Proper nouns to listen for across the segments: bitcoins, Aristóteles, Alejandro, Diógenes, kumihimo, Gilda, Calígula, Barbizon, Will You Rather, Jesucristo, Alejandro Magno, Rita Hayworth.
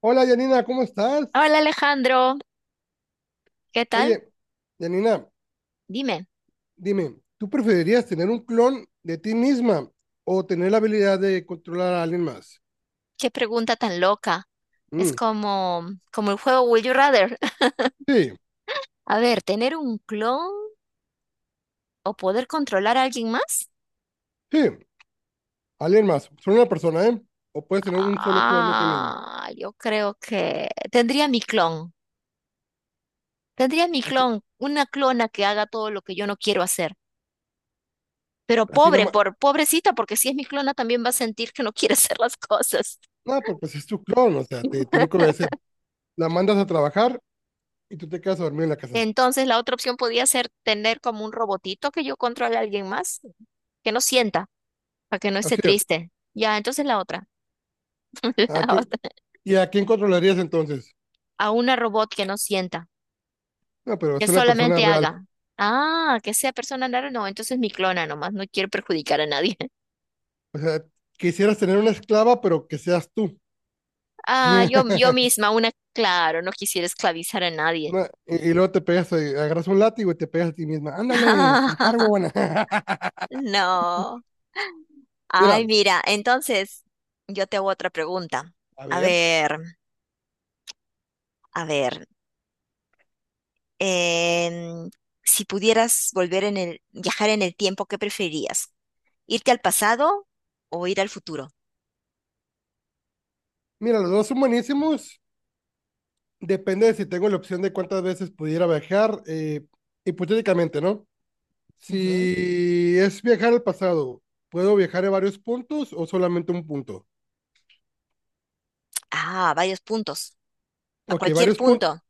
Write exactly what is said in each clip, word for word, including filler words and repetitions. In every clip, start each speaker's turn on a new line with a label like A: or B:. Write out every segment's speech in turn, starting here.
A: Hola Yanina, ¿cómo estás?
B: Hola Alejandro, ¿qué tal?
A: Oye, Yanina,
B: Dime,
A: dime, ¿tú preferirías tener un clon de ti misma o tener la habilidad de controlar a alguien más?
B: qué pregunta tan loca. Es
A: Mm,
B: como, como el juego Will You Rather.
A: sí,
B: A ver, ¿tener un clon o poder controlar a alguien más?
A: sí, alguien más, solo una persona, ¿eh? O puedes tener un solo clon de ti misma.
B: Ah, yo creo que tendría mi clon. Tendría mi
A: Así,
B: clon, una clona que haga todo lo que yo no quiero hacer. Pero
A: así la
B: pobre,
A: ma-
B: por pobrecita, porque si es mi clona también va a sentir que no quiere hacer las cosas.
A: no, pero pues es tu clon, o sea, te tiene que obedecer. La mandas a trabajar y tú te quedas a dormir en la casa.
B: Entonces la otra opción podía ser tener como un robotito que yo controle a alguien más, que no sienta, para que no esté
A: Así es.
B: triste. Ya, entonces la otra,
A: ¿A
B: la
A: quién,
B: otra.
A: y a quién controlarías entonces?
B: A una robot que no sienta,
A: No, pero
B: que
A: es una persona
B: solamente
A: real.
B: haga. Ah, que sea persona rara, no, entonces mi clona nomás, no quiero perjudicar a nadie.
A: O sea, quisieras tener una esclava, pero que seas tú.
B: Ah, yo, yo misma, una, claro, no quisiera esclavizar a nadie.
A: No, y, y luego te pegas, eh, agarras un látigo y te pegas a ti misma. Ándale, trabajar, huevona.
B: No. Ay,
A: Mira,
B: mira, entonces yo te hago otra pregunta.
A: a
B: A
A: ver.
B: ver, a ver. em, si pudieras volver en el, viajar en el tiempo, ¿qué preferías? ¿Irte al pasado o ir al futuro?
A: Mira, los dos son buenísimos. Depende de si tengo la opción de cuántas veces pudiera viajar. Eh, hipotéticamente, ¿no?
B: Ujú.
A: Si es viajar al pasado, ¿puedo viajar a varios puntos o solamente un punto?
B: Ah, varios puntos. A
A: Ok,
B: cualquier
A: varios puntos.
B: punto.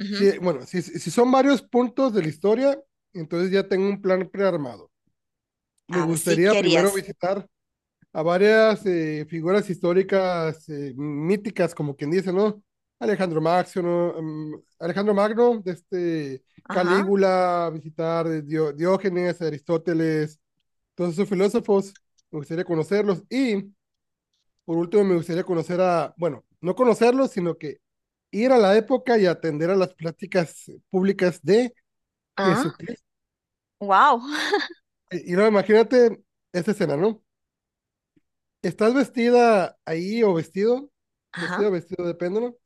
B: Ujú.
A: Si, bueno, si, si son varios puntos de la historia, entonces ya tengo un plan prearmado. Me
B: Así
A: gustaría
B: querías.
A: primero visitar a varias eh, figuras históricas eh, míticas, como quien dice, ¿no? Alejandro Magno, ¿no? Mm, Alejandro Magno, de este
B: Ajá.
A: Calígula, visitar eh, Dio- Diógenes, Aristóteles, todos esos filósofos, me gustaría conocerlos. Y por último, me gustaría conocer a, bueno, no conocerlos, sino que ir a la época y atender a las pláticas públicas de
B: Ah,
A: Jesucristo.
B: wow.
A: Y, y no, imagínate esta escena, ¿no? Estás vestida ahí o vestido,
B: Ajá.
A: vestido, vestido, depende, ¿no?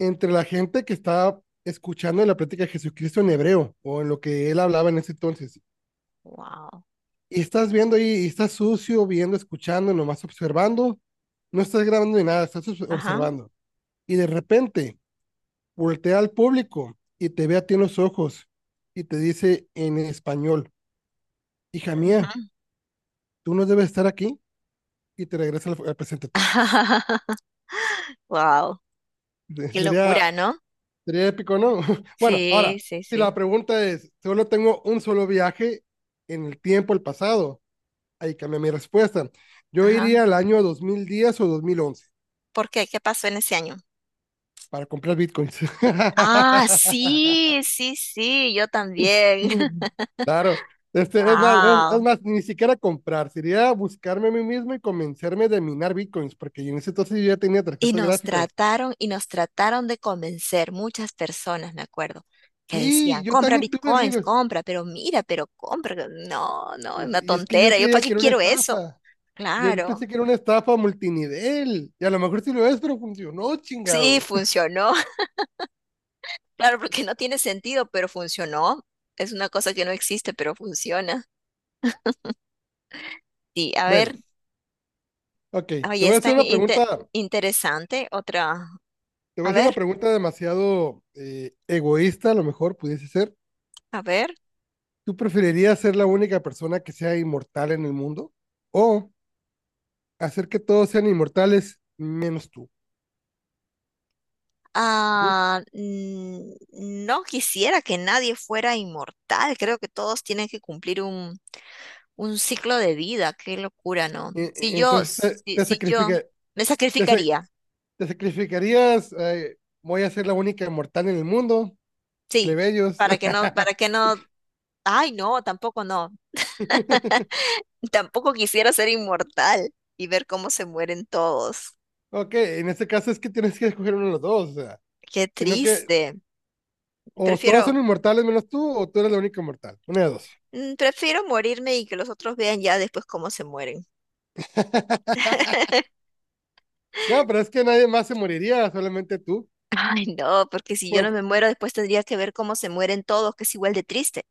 A: Entre la gente que está escuchando la plática de Jesucristo en hebreo o en lo que él hablaba en ese entonces.
B: Wow.
A: Y estás viendo ahí, y estás sucio, viendo, escuchando, nomás observando. No estás grabando ni nada, estás obs-
B: Ajá.
A: observando. Y de repente voltea al público y te ve a ti en los ojos y te dice en español, hija mía,
B: Ujú.
A: tú no debes estar aquí. Y te regresa al, al presente. Trax.
B: Wow. Qué
A: Sería,
B: locura, ¿no?
A: sería épico, ¿no? Bueno,
B: Sí,
A: ahora,
B: sí,
A: si la
B: sí.
A: pregunta es, solo tengo un solo viaje en el tiempo, el pasado, ahí cambia mi respuesta. Yo
B: Ajá.
A: iría al año dos mil diez o dos mil once
B: ¿Por qué? ¿Qué pasó en ese año?
A: para comprar bitcoins.
B: Ah, sí, sí, sí, yo también.
A: Claro, este, es más, es, es
B: Wow.
A: más, ni siquiera comprar, sería buscarme a mí mismo y convencerme de minar bitcoins, porque en ese entonces yo ya tenía
B: Y
A: tarjetas
B: nos
A: gráficas.
B: trataron y nos trataron de convencer muchas personas, me acuerdo, que decían,
A: Sí, yo
B: compra
A: también tuve
B: bitcoins,
A: amigos,
B: compra, pero mira, pero compra. No, no, es una
A: y, y es que yo
B: tontera, ¿yo para
A: creía
B: qué
A: que era una
B: quiero eso?
A: estafa. Yo
B: Claro,
A: pensé que era una estafa multinivel. Y a lo mejor sí lo es, pero funcionó,
B: sí,
A: chingado.
B: funcionó. Claro, porque no tiene sentido, pero funcionó. Es una cosa que no existe, pero funciona. Sí, a
A: Bueno,
B: ver,
A: ok. Te
B: ahí
A: voy a
B: está
A: hacer una pregunta.
B: interesante. Otra,
A: Te voy a
B: a
A: hacer una
B: ver,
A: pregunta demasiado eh, egoísta, a lo mejor pudiese ser.
B: a ver.
A: ¿Tú preferirías ser la única persona que sea inmortal en el mundo? ¿O hacer que todos sean inmortales menos tú? ¿Sí?
B: Ah, mm, no quisiera que nadie fuera inmortal. Creo que todos tienen que cumplir un, un ciclo de vida. Qué locura, ¿no?
A: E-
B: Si
A: e-
B: yo,
A: Entonces te,
B: si,
A: te,
B: si yo
A: sacrifica-
B: me
A: te sa-
B: sacrificaría,
A: te sacrificarías. Eh, voy a ser la única inmortal en el mundo.
B: sí,
A: Plebeyos.
B: para que no, para que no, ay, no, tampoco no. Tampoco quisiera ser inmortal y ver cómo se mueren todos.
A: Ok, en este caso es que tienes que escoger uno de los dos, o sea,
B: Qué
A: sino que
B: triste.
A: o todos
B: Prefiero,
A: son inmortales menos tú, o tú eres la única inmortal, una de dos.
B: mm, prefiero morirme y que los otros vean ya después cómo se mueren.
A: No, pero es que nadie más se moriría, solamente tú.
B: Ay, no, porque si yo
A: Pues,
B: no me muero, después tendría que ver cómo se mueren todos, que es igual de triste.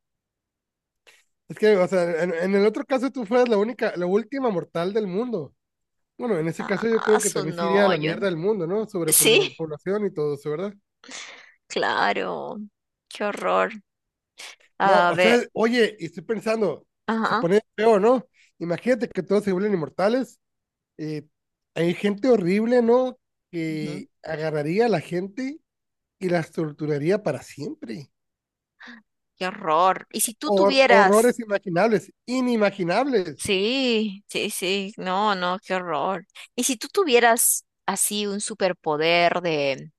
A: es que, o sea, en, en el otro caso tú fueras la única, la última mortal del mundo. Bueno, en ese caso yo
B: Ah,
A: creo que
B: su
A: también se iría a
B: no,
A: la
B: yo.
A: mierda del mundo, ¿no? Sobre
B: Sí,
A: pobl- población y todo eso, ¿verdad?
B: claro. Qué horror.
A: No,
B: A
A: o
B: ver,
A: sea, oye, y estoy pensando, se
B: ajá,
A: pone feo, ¿no? Imagínate que todos se vuelven inmortales, eh, hay gente horrible, ¿no?
B: ujú.
A: Que agarraría a la gente y las torturaría para siempre.
B: Qué horror. Y si tú
A: Hor-
B: tuvieras.
A: horrores imaginables, inimaginables.
B: Sí, sí, sí. No, no, qué horror. Y si tú tuvieras así un superpoder de,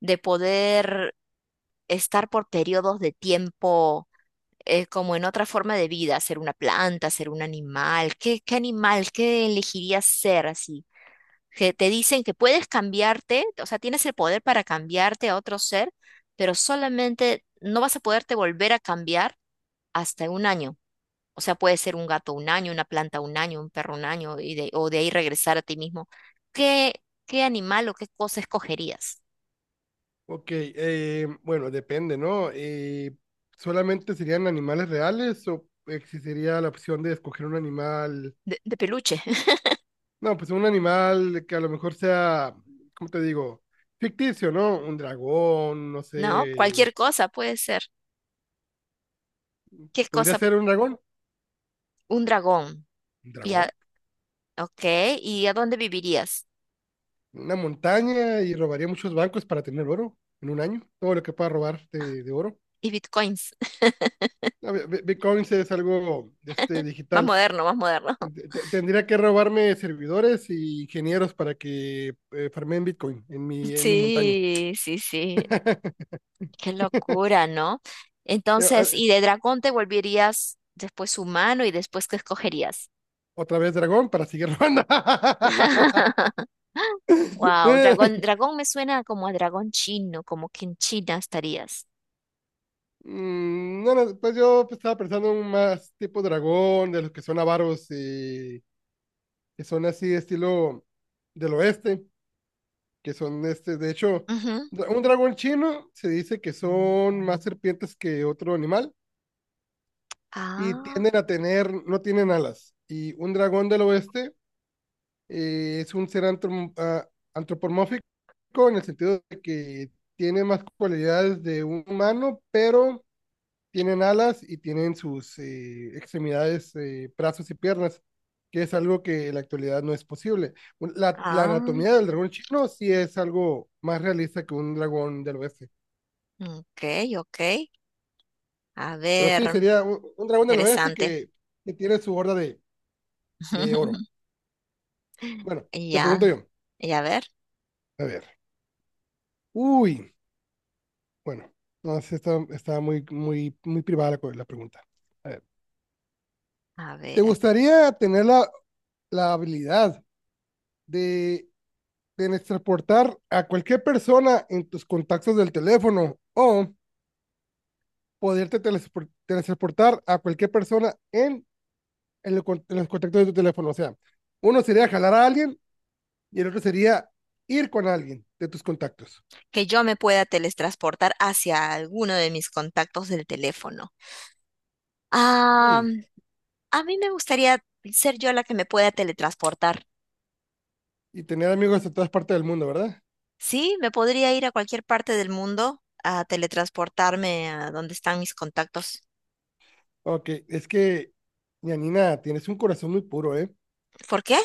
B: de poder estar por periodos de tiempo. Eh, como en otra forma de vida, ser una planta, ser un animal. ¿Qué, qué animal, qué elegirías ser así? Que te dicen que puedes cambiarte, o sea, tienes el poder para cambiarte a otro ser, pero solamente no vas a poderte volver a cambiar hasta un año. O sea, puede ser un gato un año, una planta un año, un perro un año, y de, o de ahí regresar a ti mismo. ¿Qué, qué animal o qué cosa escogerías?
A: Ok, eh, bueno, depende, ¿no? Eh, ¿solamente serían animales reales o existiría la opción de escoger un animal?
B: De, de peluche,
A: No, pues un animal que a lo mejor sea, ¿cómo te digo? Ficticio, ¿no? Un dragón, no
B: ¿no?
A: sé.
B: Cualquier cosa puede ser. ¿Qué
A: ¿Podría
B: cosa?
A: ser un dragón?
B: Un dragón.
A: ¿Un
B: Ya,
A: dragón?
B: ok, ¿y a dónde vivirías?
A: Una montaña y robaría muchos bancos para tener oro en un año, todo lo que pueda robar de, de oro.
B: Y bitcoins,
A: No, Bi- Bi- Bitcoin es algo este,
B: más
A: digital.
B: moderno, más moderno.
A: Te- te- Tendría que robarme servidores y ingenieros para que eh, farmeen Bitcoin en mi, en mi montaña.
B: Sí, sí, sí, qué locura, ¿no?
A: Eh, ah,
B: Entonces,
A: eh,
B: ¿y de dragón te volverías después humano y después qué escogerías?
A: Otra vez dragón para seguir robando.
B: Wow,
A: Eh,
B: dragón, dragón me suena como a dragón chino, como que en China estarías.
A: mm, No, no, pues yo pues, estaba pensando en más tipo dragón, de los que son avaros, eh, que son así estilo del oeste que son este, de hecho,
B: Ujú.
A: un dragón chino se dice que son más serpientes que otro animal y
B: Ah,
A: tienden a tener, no tienen alas. Y un dragón del oeste eh, es un ser antrom- ah, antropomórfico en el sentido de que tiene más cualidades de un humano, pero tienen alas y tienen sus eh, extremidades, eh, brazos y piernas, que es algo que en la actualidad no es posible. Un- La, la
B: ah,
A: anatomía del dragón chino sí es algo más realista que un dragón del oeste.
B: ok, ok. A
A: Pero sí,
B: ver,
A: sería un, un dragón del oeste
B: interesante.
A: que, que tiene su horda de, de oro. Bueno, te pregunto
B: Ya,
A: yo.
B: y a ver,
A: A ver. Uy, bueno, no sé, está, está muy, muy, muy privada la, co- la pregunta. A ver,
B: a
A: ¿te
B: ver.
A: gustaría tener la, la habilidad de Tienes transportar a cualquier persona en tus contactos del teléfono o poderte telespor- teletransportar a cualquier persona en, en lo en los contactos de tu teléfono? O sea, uno sería jalar a alguien y el otro sería ir con alguien de tus contactos.
B: Que yo me pueda teletransportar hacia alguno de mis contactos del teléfono. Ah,
A: Uy,
B: a mí me gustaría ser yo la que me pueda teletransportar.
A: y tener amigos de todas partes del mundo, ¿verdad?
B: Sí, me podría ir a cualquier parte del mundo a teletransportarme a donde están mis contactos.
A: Ok, es que, Yanina, tienes un corazón muy puro, ¿eh?
B: ¿Por qué?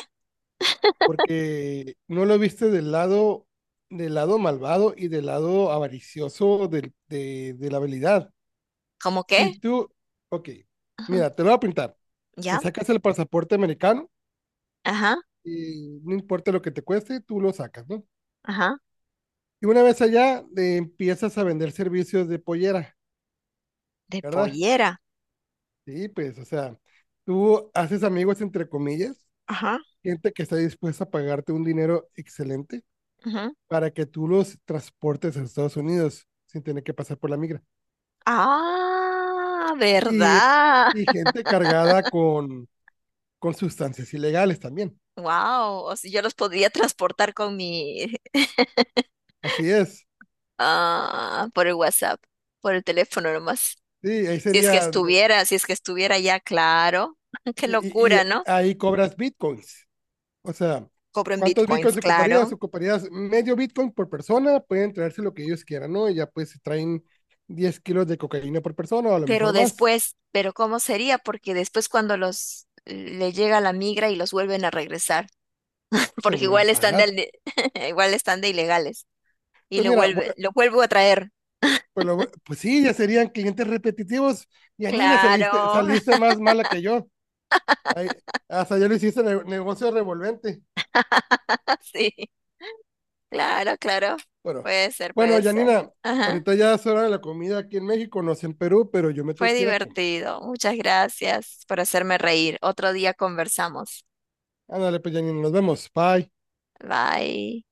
A: Porque no lo viste del lado, del lado malvado y del lado avaricioso del- de, de la habilidad.
B: ¿Cómo
A: Si
B: qué?
A: tú, ok,
B: Ujú.
A: mira, te lo voy a pintar. Te
B: ¿Ya?
A: sacas el pasaporte americano
B: Ajá,
A: y no importa lo que te cueste, tú lo sacas, ¿no?
B: ajá.
A: Y una vez allá, eh, empiezas a vender servicios de pollera,
B: De
A: ¿verdad?
B: pollera.
A: Sí, pues, o sea, tú haces amigos, entre comillas,
B: Ajá,
A: gente que está dispuesta a pagarte un dinero excelente
B: ajá.
A: para que tú los transportes a Estados Unidos sin tener que pasar por la migra.
B: Ah,
A: Y,
B: ¿verdad?
A: y gente cargada con, con sustancias ilegales también.
B: Wow, yo los podría transportar con mi
A: Así es.
B: Ah, por el WhatsApp, por el teléfono nomás.
A: Sí, ahí
B: Si es que
A: sería,
B: estuviera, si es que estuviera ya, claro. Qué
A: y, y
B: locura, ¿no?
A: ahí cobras bitcoins. O sea,
B: Cobro en
A: ¿cuántos
B: bitcoins,
A: bitcoins
B: claro.
A: ocuparías? Ocuparías medio bitcoin por persona, pueden traerse lo que ellos quieran, ¿no? Y ya pues se traen diez kilos de cocaína por persona o a lo
B: Pero
A: mejor más,
B: después, pero ¿cómo sería? Porque después cuando los le llega la migra y los vuelven a regresar,
A: pues te
B: porque
A: vuelven a
B: igual están
A: pagar.
B: de, igual están de ilegales y
A: Pues
B: lo
A: mira, bueno,
B: vuelve, lo vuelvo a traer.
A: pues, lo- pues sí, ya serían clientes repetitivos. Yanina, saliste,
B: Claro,
A: saliste más mala que yo. Ahí, hasta ya lo hiciste ne- negocio revolvente.
B: sí, claro, claro.
A: Bueno,
B: Puede ser,
A: bueno,
B: puede ser.
A: Yanina,
B: Ajá.
A: ahorita ya es hora de la comida aquí en México, no sé en Perú, pero yo me tengo
B: Fue
A: que ir a comer.
B: divertido. Muchas gracias por hacerme reír. Otro día conversamos.
A: Ándale, pues, Janine, nos vemos. Bye.
B: Bye.